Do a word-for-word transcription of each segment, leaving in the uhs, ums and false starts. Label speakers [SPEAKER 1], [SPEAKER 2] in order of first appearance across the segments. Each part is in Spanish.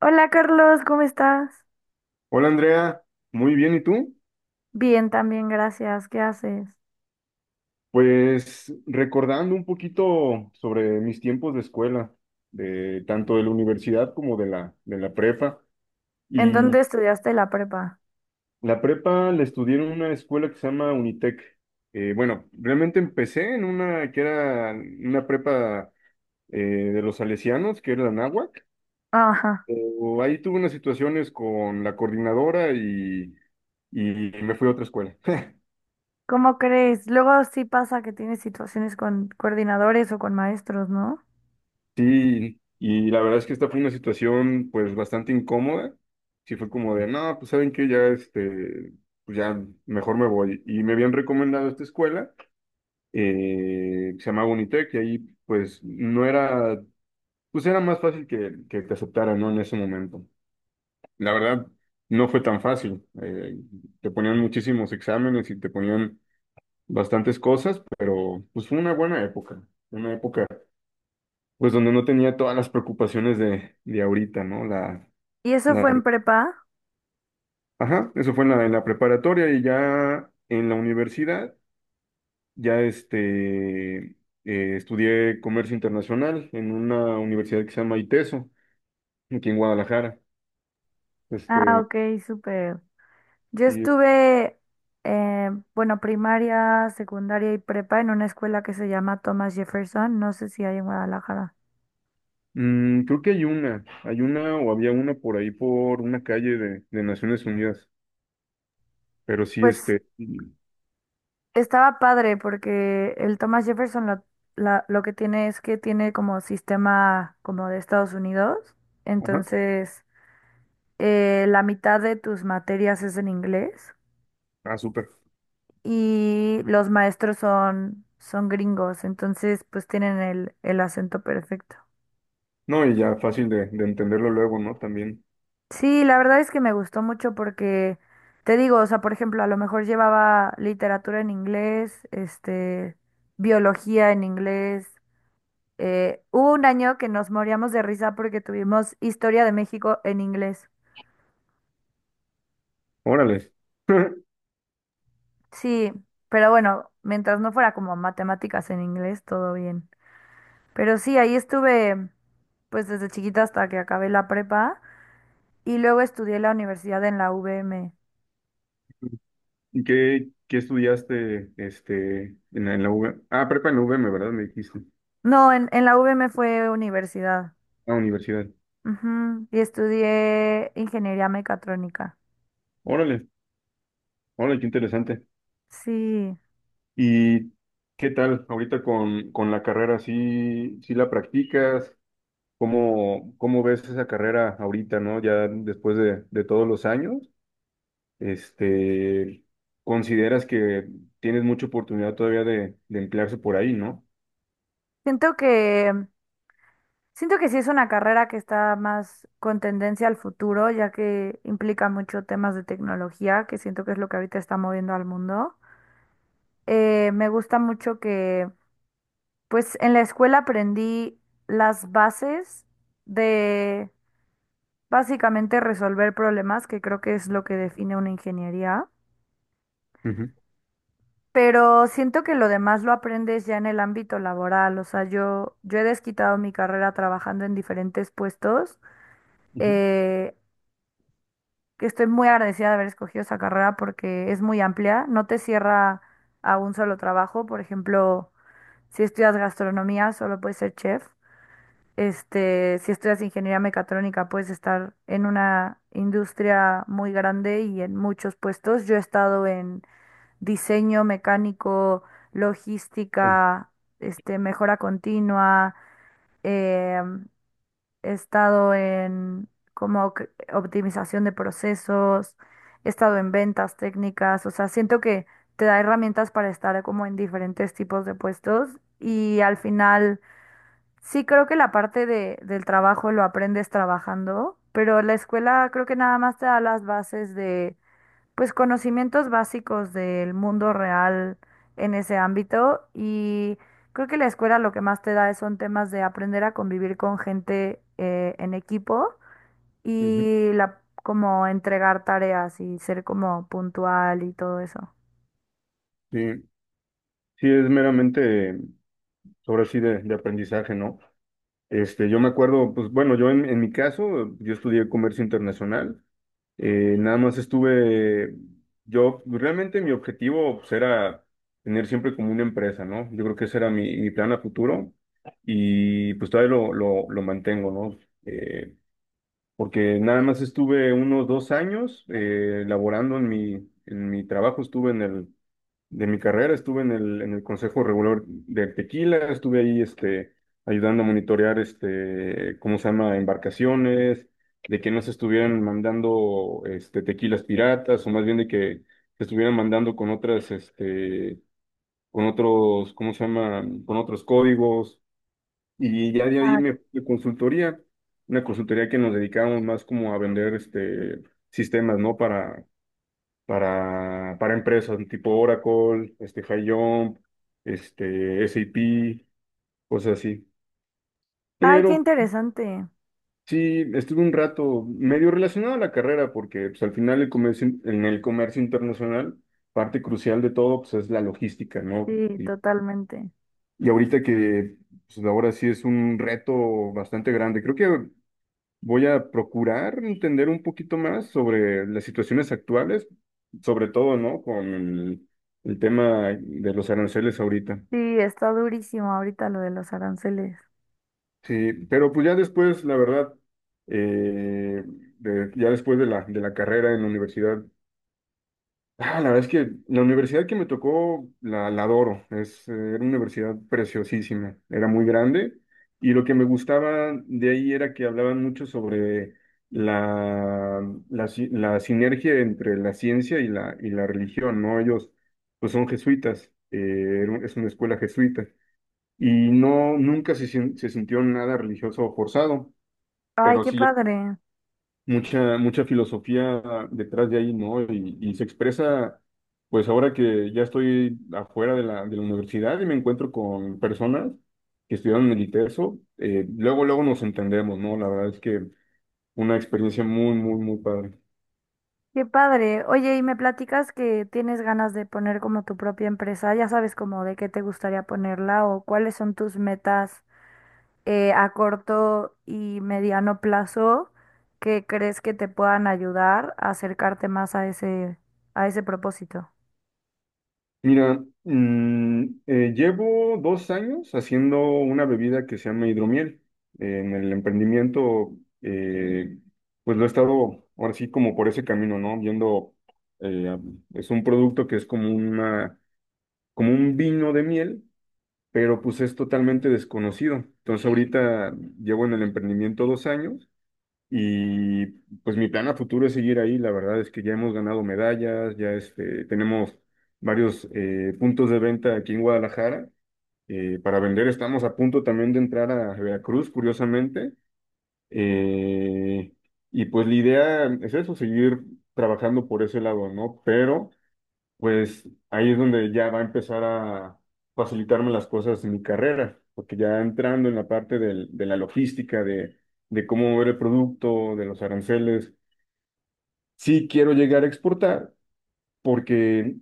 [SPEAKER 1] Hola Carlos, ¿cómo estás?
[SPEAKER 2] Hola Andrea, muy bien, ¿y tú?
[SPEAKER 1] Bien, también, gracias. ¿Qué haces?
[SPEAKER 2] Pues recordando un poquito sobre mis tiempos de escuela, de tanto de la universidad como de la, de la prepa.
[SPEAKER 1] ¿En
[SPEAKER 2] Y
[SPEAKER 1] dónde estudiaste la prepa?
[SPEAKER 2] la prepa la estudié en una escuela que se llama Unitec. Eh, bueno, realmente empecé en una que era una prepa eh, de los salesianos, que era la Náhuac.
[SPEAKER 1] Ajá.
[SPEAKER 2] Pero ahí tuve unas situaciones con la coordinadora y, y me fui a otra escuela.
[SPEAKER 1] ¿Cómo crees? Luego sí pasa que tienes situaciones con coordinadores o con maestros, ¿no?
[SPEAKER 2] Sí, y la verdad es que esta fue una situación pues bastante incómoda. Sí fue como de no, pues saben que ya este, pues ya mejor me voy. Y me habían recomendado esta escuela, eh, que se llama Bonitec, y ahí pues no era, pues era más fácil que, que te aceptaran, ¿no? En ese momento. La verdad, no fue tan fácil. Eh, te ponían muchísimos exámenes y te ponían bastantes cosas, pero pues fue una buena época, una época pues donde no tenía todas las preocupaciones de, de ahorita, ¿no? La,
[SPEAKER 1] ¿Y eso
[SPEAKER 2] la,
[SPEAKER 1] fue en prepa?
[SPEAKER 2] ajá, eso fue en la, en la preparatoria y ya en la universidad, ya este, eh, estudié comercio internacional en una universidad que se llama ITESO, aquí en Guadalajara.
[SPEAKER 1] Ah,
[SPEAKER 2] Este,
[SPEAKER 1] ok, súper. Yo
[SPEAKER 2] y
[SPEAKER 1] estuve, eh, bueno, primaria, secundaria y prepa en una escuela que se llama Thomas Jefferson, no sé si hay en Guadalajara.
[SPEAKER 2] mm, creo que hay una, hay una o había una por ahí por una calle de, de Naciones Unidas, pero sí,
[SPEAKER 1] Pues
[SPEAKER 2] este, y-
[SPEAKER 1] estaba padre porque el Thomas Jefferson lo, la- lo que tiene es que tiene como sistema como de Estados Unidos.
[SPEAKER 2] ajá,
[SPEAKER 1] Entonces, eh, la mitad de tus materias es en inglés
[SPEAKER 2] ah, súper.
[SPEAKER 1] y los maestros son, son gringos. Entonces, pues tienen el, el acento perfecto.
[SPEAKER 2] No, y ya fácil de, de entenderlo luego, ¿no? También,
[SPEAKER 1] Sí, la verdad es que me gustó mucho porque, te digo, o sea, por ejemplo, a lo mejor llevaba literatura en inglés, este, biología en inglés. Eh, hubo un año que nos moríamos de risa porque tuvimos Historia de México en inglés.
[SPEAKER 2] órale.
[SPEAKER 1] Sí, pero bueno, mientras no fuera como matemáticas en inglés, todo bien. Pero sí, ahí estuve pues desde chiquita hasta que acabé la prepa y luego estudié la universidad en la U V M.
[SPEAKER 2] ¿Y qué, qué estudiaste este, en la, en la U V? Ah, prepa en la U V M, ¿verdad? Me dijiste.
[SPEAKER 1] No, en, en la U V M fue universidad.
[SPEAKER 2] Ah, universidad.
[SPEAKER 1] Ujú. Y estudié ingeniería mecatrónica.
[SPEAKER 2] Órale, órale, qué interesante.
[SPEAKER 1] Sí,
[SPEAKER 2] ¿Y qué tal ahorita con, con la carrera? ¿Sí, sí la practicas? ¿Cómo, cómo ves esa carrera ahorita, no? Ya después de, de todos los años, este, consideras que tienes mucha oportunidad todavía de, de emplearse por ahí, ¿no?
[SPEAKER 1] siento que siento que sí es una carrera que está más con tendencia al futuro, ya que implica mucho temas de tecnología, que siento que es lo que ahorita está moviendo al mundo. Eh, me gusta mucho que, pues en la escuela aprendí las bases de básicamente resolver problemas, que creo que es lo que define una ingeniería,
[SPEAKER 2] Ujú,
[SPEAKER 1] pero siento que lo demás lo aprendes ya en el ámbito laboral. O sea, yo, yo he desquitado mi carrera trabajando en diferentes puestos.
[SPEAKER 2] ujú.
[SPEAKER 1] Eh, que estoy muy agradecida de haber escogido esa carrera porque es muy amplia, no te cierra a un solo trabajo, por ejemplo, si estudias gastronomía solo puedes ser chef, este, si estudias ingeniería mecatrónica puedes estar en una industria muy grande y en muchos puestos. Yo he estado en diseño mecánico, logística, este, mejora continua, em, he estado en como que optimización de procesos, he estado en ventas técnicas, o sea, siento que te da herramientas para estar como en diferentes tipos de puestos y al final sí creo que la parte de, del trabajo lo aprendes trabajando, pero la escuela creo que nada más te da las bases de pues conocimientos básicos del mundo real en ese ámbito y creo que la escuela lo que más te da son temas de aprender a convivir con gente eh, en equipo
[SPEAKER 2] Ujú.
[SPEAKER 1] y la como entregar tareas y ser como puntual y todo eso.
[SPEAKER 2] Sí, sí, es meramente. Ahora sí de, de aprendizaje, ¿no? Este, yo me acuerdo, pues bueno, yo en, en mi caso, yo estudié comercio internacional, eh, nada más estuve, yo realmente mi objetivo pues, era tener siempre como una empresa, ¿no? Yo creo que ese era mi, mi plan a futuro y pues todavía lo, lo, lo mantengo, ¿no? Eh, Porque nada más estuve unos dos años eh, laborando en mi, en mi trabajo, estuve en el de mi carrera, estuve en el, en el Consejo Regular del Tequila, estuve ahí este, ayudando a monitorear este, ¿cómo se llama? Embarcaciones, de que no se estuvieran mandando este, tequilas piratas, o más bien de que se estuvieran mandando con otras, este, con otros, ¿cómo se llama? Con otros códigos. Y ya de ahí
[SPEAKER 1] Ay.
[SPEAKER 2] me fui a consultoría, una consultoría que nos dedicábamos más como a vender este, sistemas, ¿no? para para, para empresas tipo Oracle, este, Jump, este, SAP, cosas así.
[SPEAKER 1] Ay, qué
[SPEAKER 2] Pero
[SPEAKER 1] interesante.
[SPEAKER 2] sí, estuve un rato medio relacionado a la carrera porque pues, al final el comercio, in- en el comercio internacional, parte crucial de todo pues, es la logística, ¿no?
[SPEAKER 1] Sí,
[SPEAKER 2] Y,
[SPEAKER 1] totalmente.
[SPEAKER 2] y ahorita que pues, ahora sí es un reto bastante grande. Creo que voy a procurar entender un poquito más sobre las situaciones actuales, sobre todo, ¿no? Con el, el tema de los aranceles ahorita.
[SPEAKER 1] Sí, está durísimo ahorita lo de los aranceles.
[SPEAKER 2] Sí, pero pues ya después, la verdad, eh, de- ya después de la, de la carrera en la universidad. Ah, la verdad es que la universidad que me tocó la, la adoro. Es, eh, era una universidad preciosísima. Era muy grande y lo que me gustaba de ahí era que hablaban mucho sobre la, la, si- la sinergia entre la ciencia y la, y la religión, ¿no? Ellos pues son jesuitas, eh, era un- es una escuela jesuita y no, nunca se, sin- se sintió nada religioso o forzado,
[SPEAKER 1] Ay,
[SPEAKER 2] pero
[SPEAKER 1] qué
[SPEAKER 2] sí
[SPEAKER 1] padre.
[SPEAKER 2] mucha, mucha filosofía detrás de ahí, ¿no? Y, y se expresa, pues ahora que ya estoy afuera de la, de la universidad y me encuentro con personas que estudiaron en el ITESO, eh, luego, luego nos entendemos, ¿no? La verdad es que una experiencia muy, muy, muy padre.
[SPEAKER 1] Qué padre. Oye, y me platicas que tienes ganas de poner como tu propia empresa. Ya sabes como de qué te gustaría ponerla o cuáles son tus metas eh, a corto y mediano plazo que crees que te puedan ayudar a acercarte más a ese, a ese propósito.
[SPEAKER 2] Mira, mm, eh, llevo dos años haciendo una bebida que se llama hidromiel. En el emprendimiento, eh, pues lo he estado ahora sí como por ese camino, ¿no? Viendo, eh, es un producto que es como una, como un vino de miel, pero pues es totalmente desconocido. Entonces ahorita llevo en el emprendimiento dos años y pues mi plan a futuro es seguir ahí. La verdad es que ya hemos ganado medallas, ya este, tenemos varios eh, puntos de venta aquí en Guadalajara. Eh, para vender estamos a punto también de entrar a Veracruz, curiosamente. Eh, y pues la idea es eso, seguir trabajando por ese lado, ¿no? Pero pues ahí es donde ya va a empezar a facilitarme las cosas en mi carrera, porque ya entrando en la parte del- de la logística, de, de cómo mover el producto, de los aranceles, sí quiero llegar a exportar porque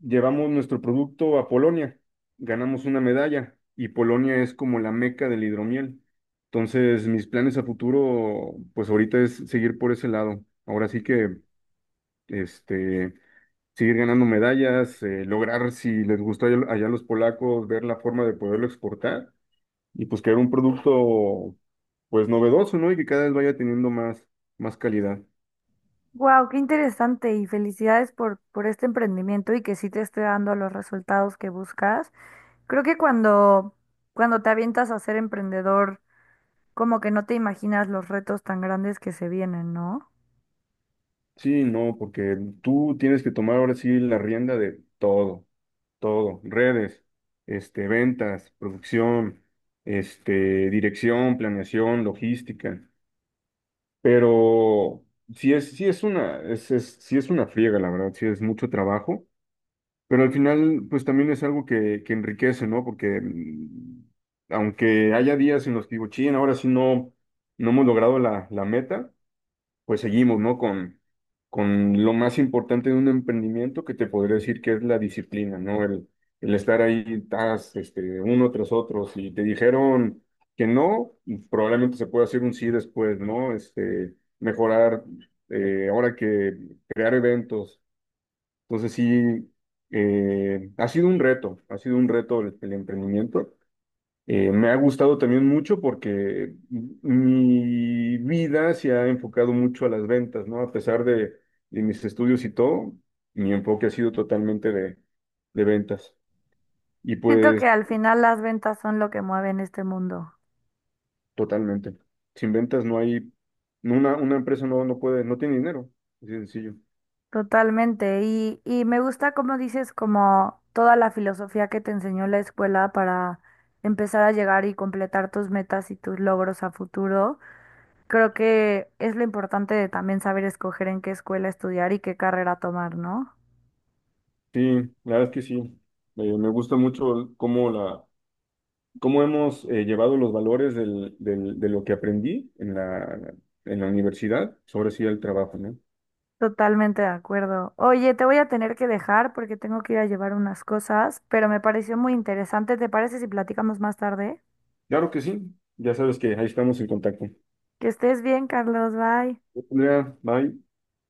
[SPEAKER 2] llevamos nuestro producto a Polonia, ganamos una medalla y Polonia es como la meca del hidromiel. Entonces, mis planes a futuro, pues ahorita es seguir por ese lado. Ahora sí que, este... seguir ganando medallas, eh, lograr, si les gustó allá, allá a los polacos, ver la forma de poderlo exportar y pues crear un producto pues novedoso, ¿no? Y que cada vez vaya teniendo más, más calidad.
[SPEAKER 1] Wow, qué interesante y felicidades por, por este emprendimiento y que sí te esté dando los resultados que buscas. Creo que cuando, cuando te avientas a ser emprendedor como que no te imaginas los retos tan grandes que se vienen, ¿no?
[SPEAKER 2] Sí, no, porque tú tienes que tomar ahora sí la rienda de todo, todo, redes, este, ventas, producción, este, dirección, planeación, logística, pero sí es, sí es una, es, es, sí es una friega, la verdad, sí es mucho trabajo. Pero al final, pues también es algo que, que enriquece, ¿no? Porque mm, aunque haya días en los que digo, ching, ahora sí no, no hemos logrado la, la meta, pues seguimos, ¿no? Con, con lo más importante de un emprendimiento que te podría decir que es la disciplina, ¿no? El, el estar ahí, tas, este, uno tras otro. Si te dijeron que no, probablemente se pueda hacer un sí después, ¿no? Este, mejorar, eh, ahora que crear eventos, entonces sí, eh, ha sido un reto, ha sido un reto el, el emprendimiento. Eh, me ha gustado también mucho porque mi vida se ha enfocado mucho a las ventas, ¿no? A pesar de, de mis estudios y todo, mi enfoque ha sido totalmente de, de ventas. Y
[SPEAKER 1] Siento que
[SPEAKER 2] pues
[SPEAKER 1] al final las ventas son lo que mueven este mundo.
[SPEAKER 2] totalmente. Sin ventas no hay, una, una empresa no, no puede, no tiene dinero. Así de sencillo.
[SPEAKER 1] Totalmente. Y, y me gusta como dices, como toda la filosofía que te enseñó la escuela para empezar a llegar y completar tus metas y tus logros a futuro. Creo que es lo importante de también saber escoger en qué escuela estudiar y qué carrera tomar, ¿no?
[SPEAKER 2] Sí, la verdad es que sí. Eh, me gusta mucho cómo la cómo hemos eh, llevado los valores del- del- de lo que aprendí en la, en la universidad sobre sí el trabajo, ¿no?
[SPEAKER 1] Totalmente de acuerdo. Oye, te voy a tener que dejar porque tengo que ir a llevar unas cosas, pero me pareció muy interesante. ¿Te parece si platicamos más tarde?
[SPEAKER 2] Claro que sí, ya sabes que ahí estamos en contacto.
[SPEAKER 1] Que estés bien, Carlos. Bye.
[SPEAKER 2] Hola, bye.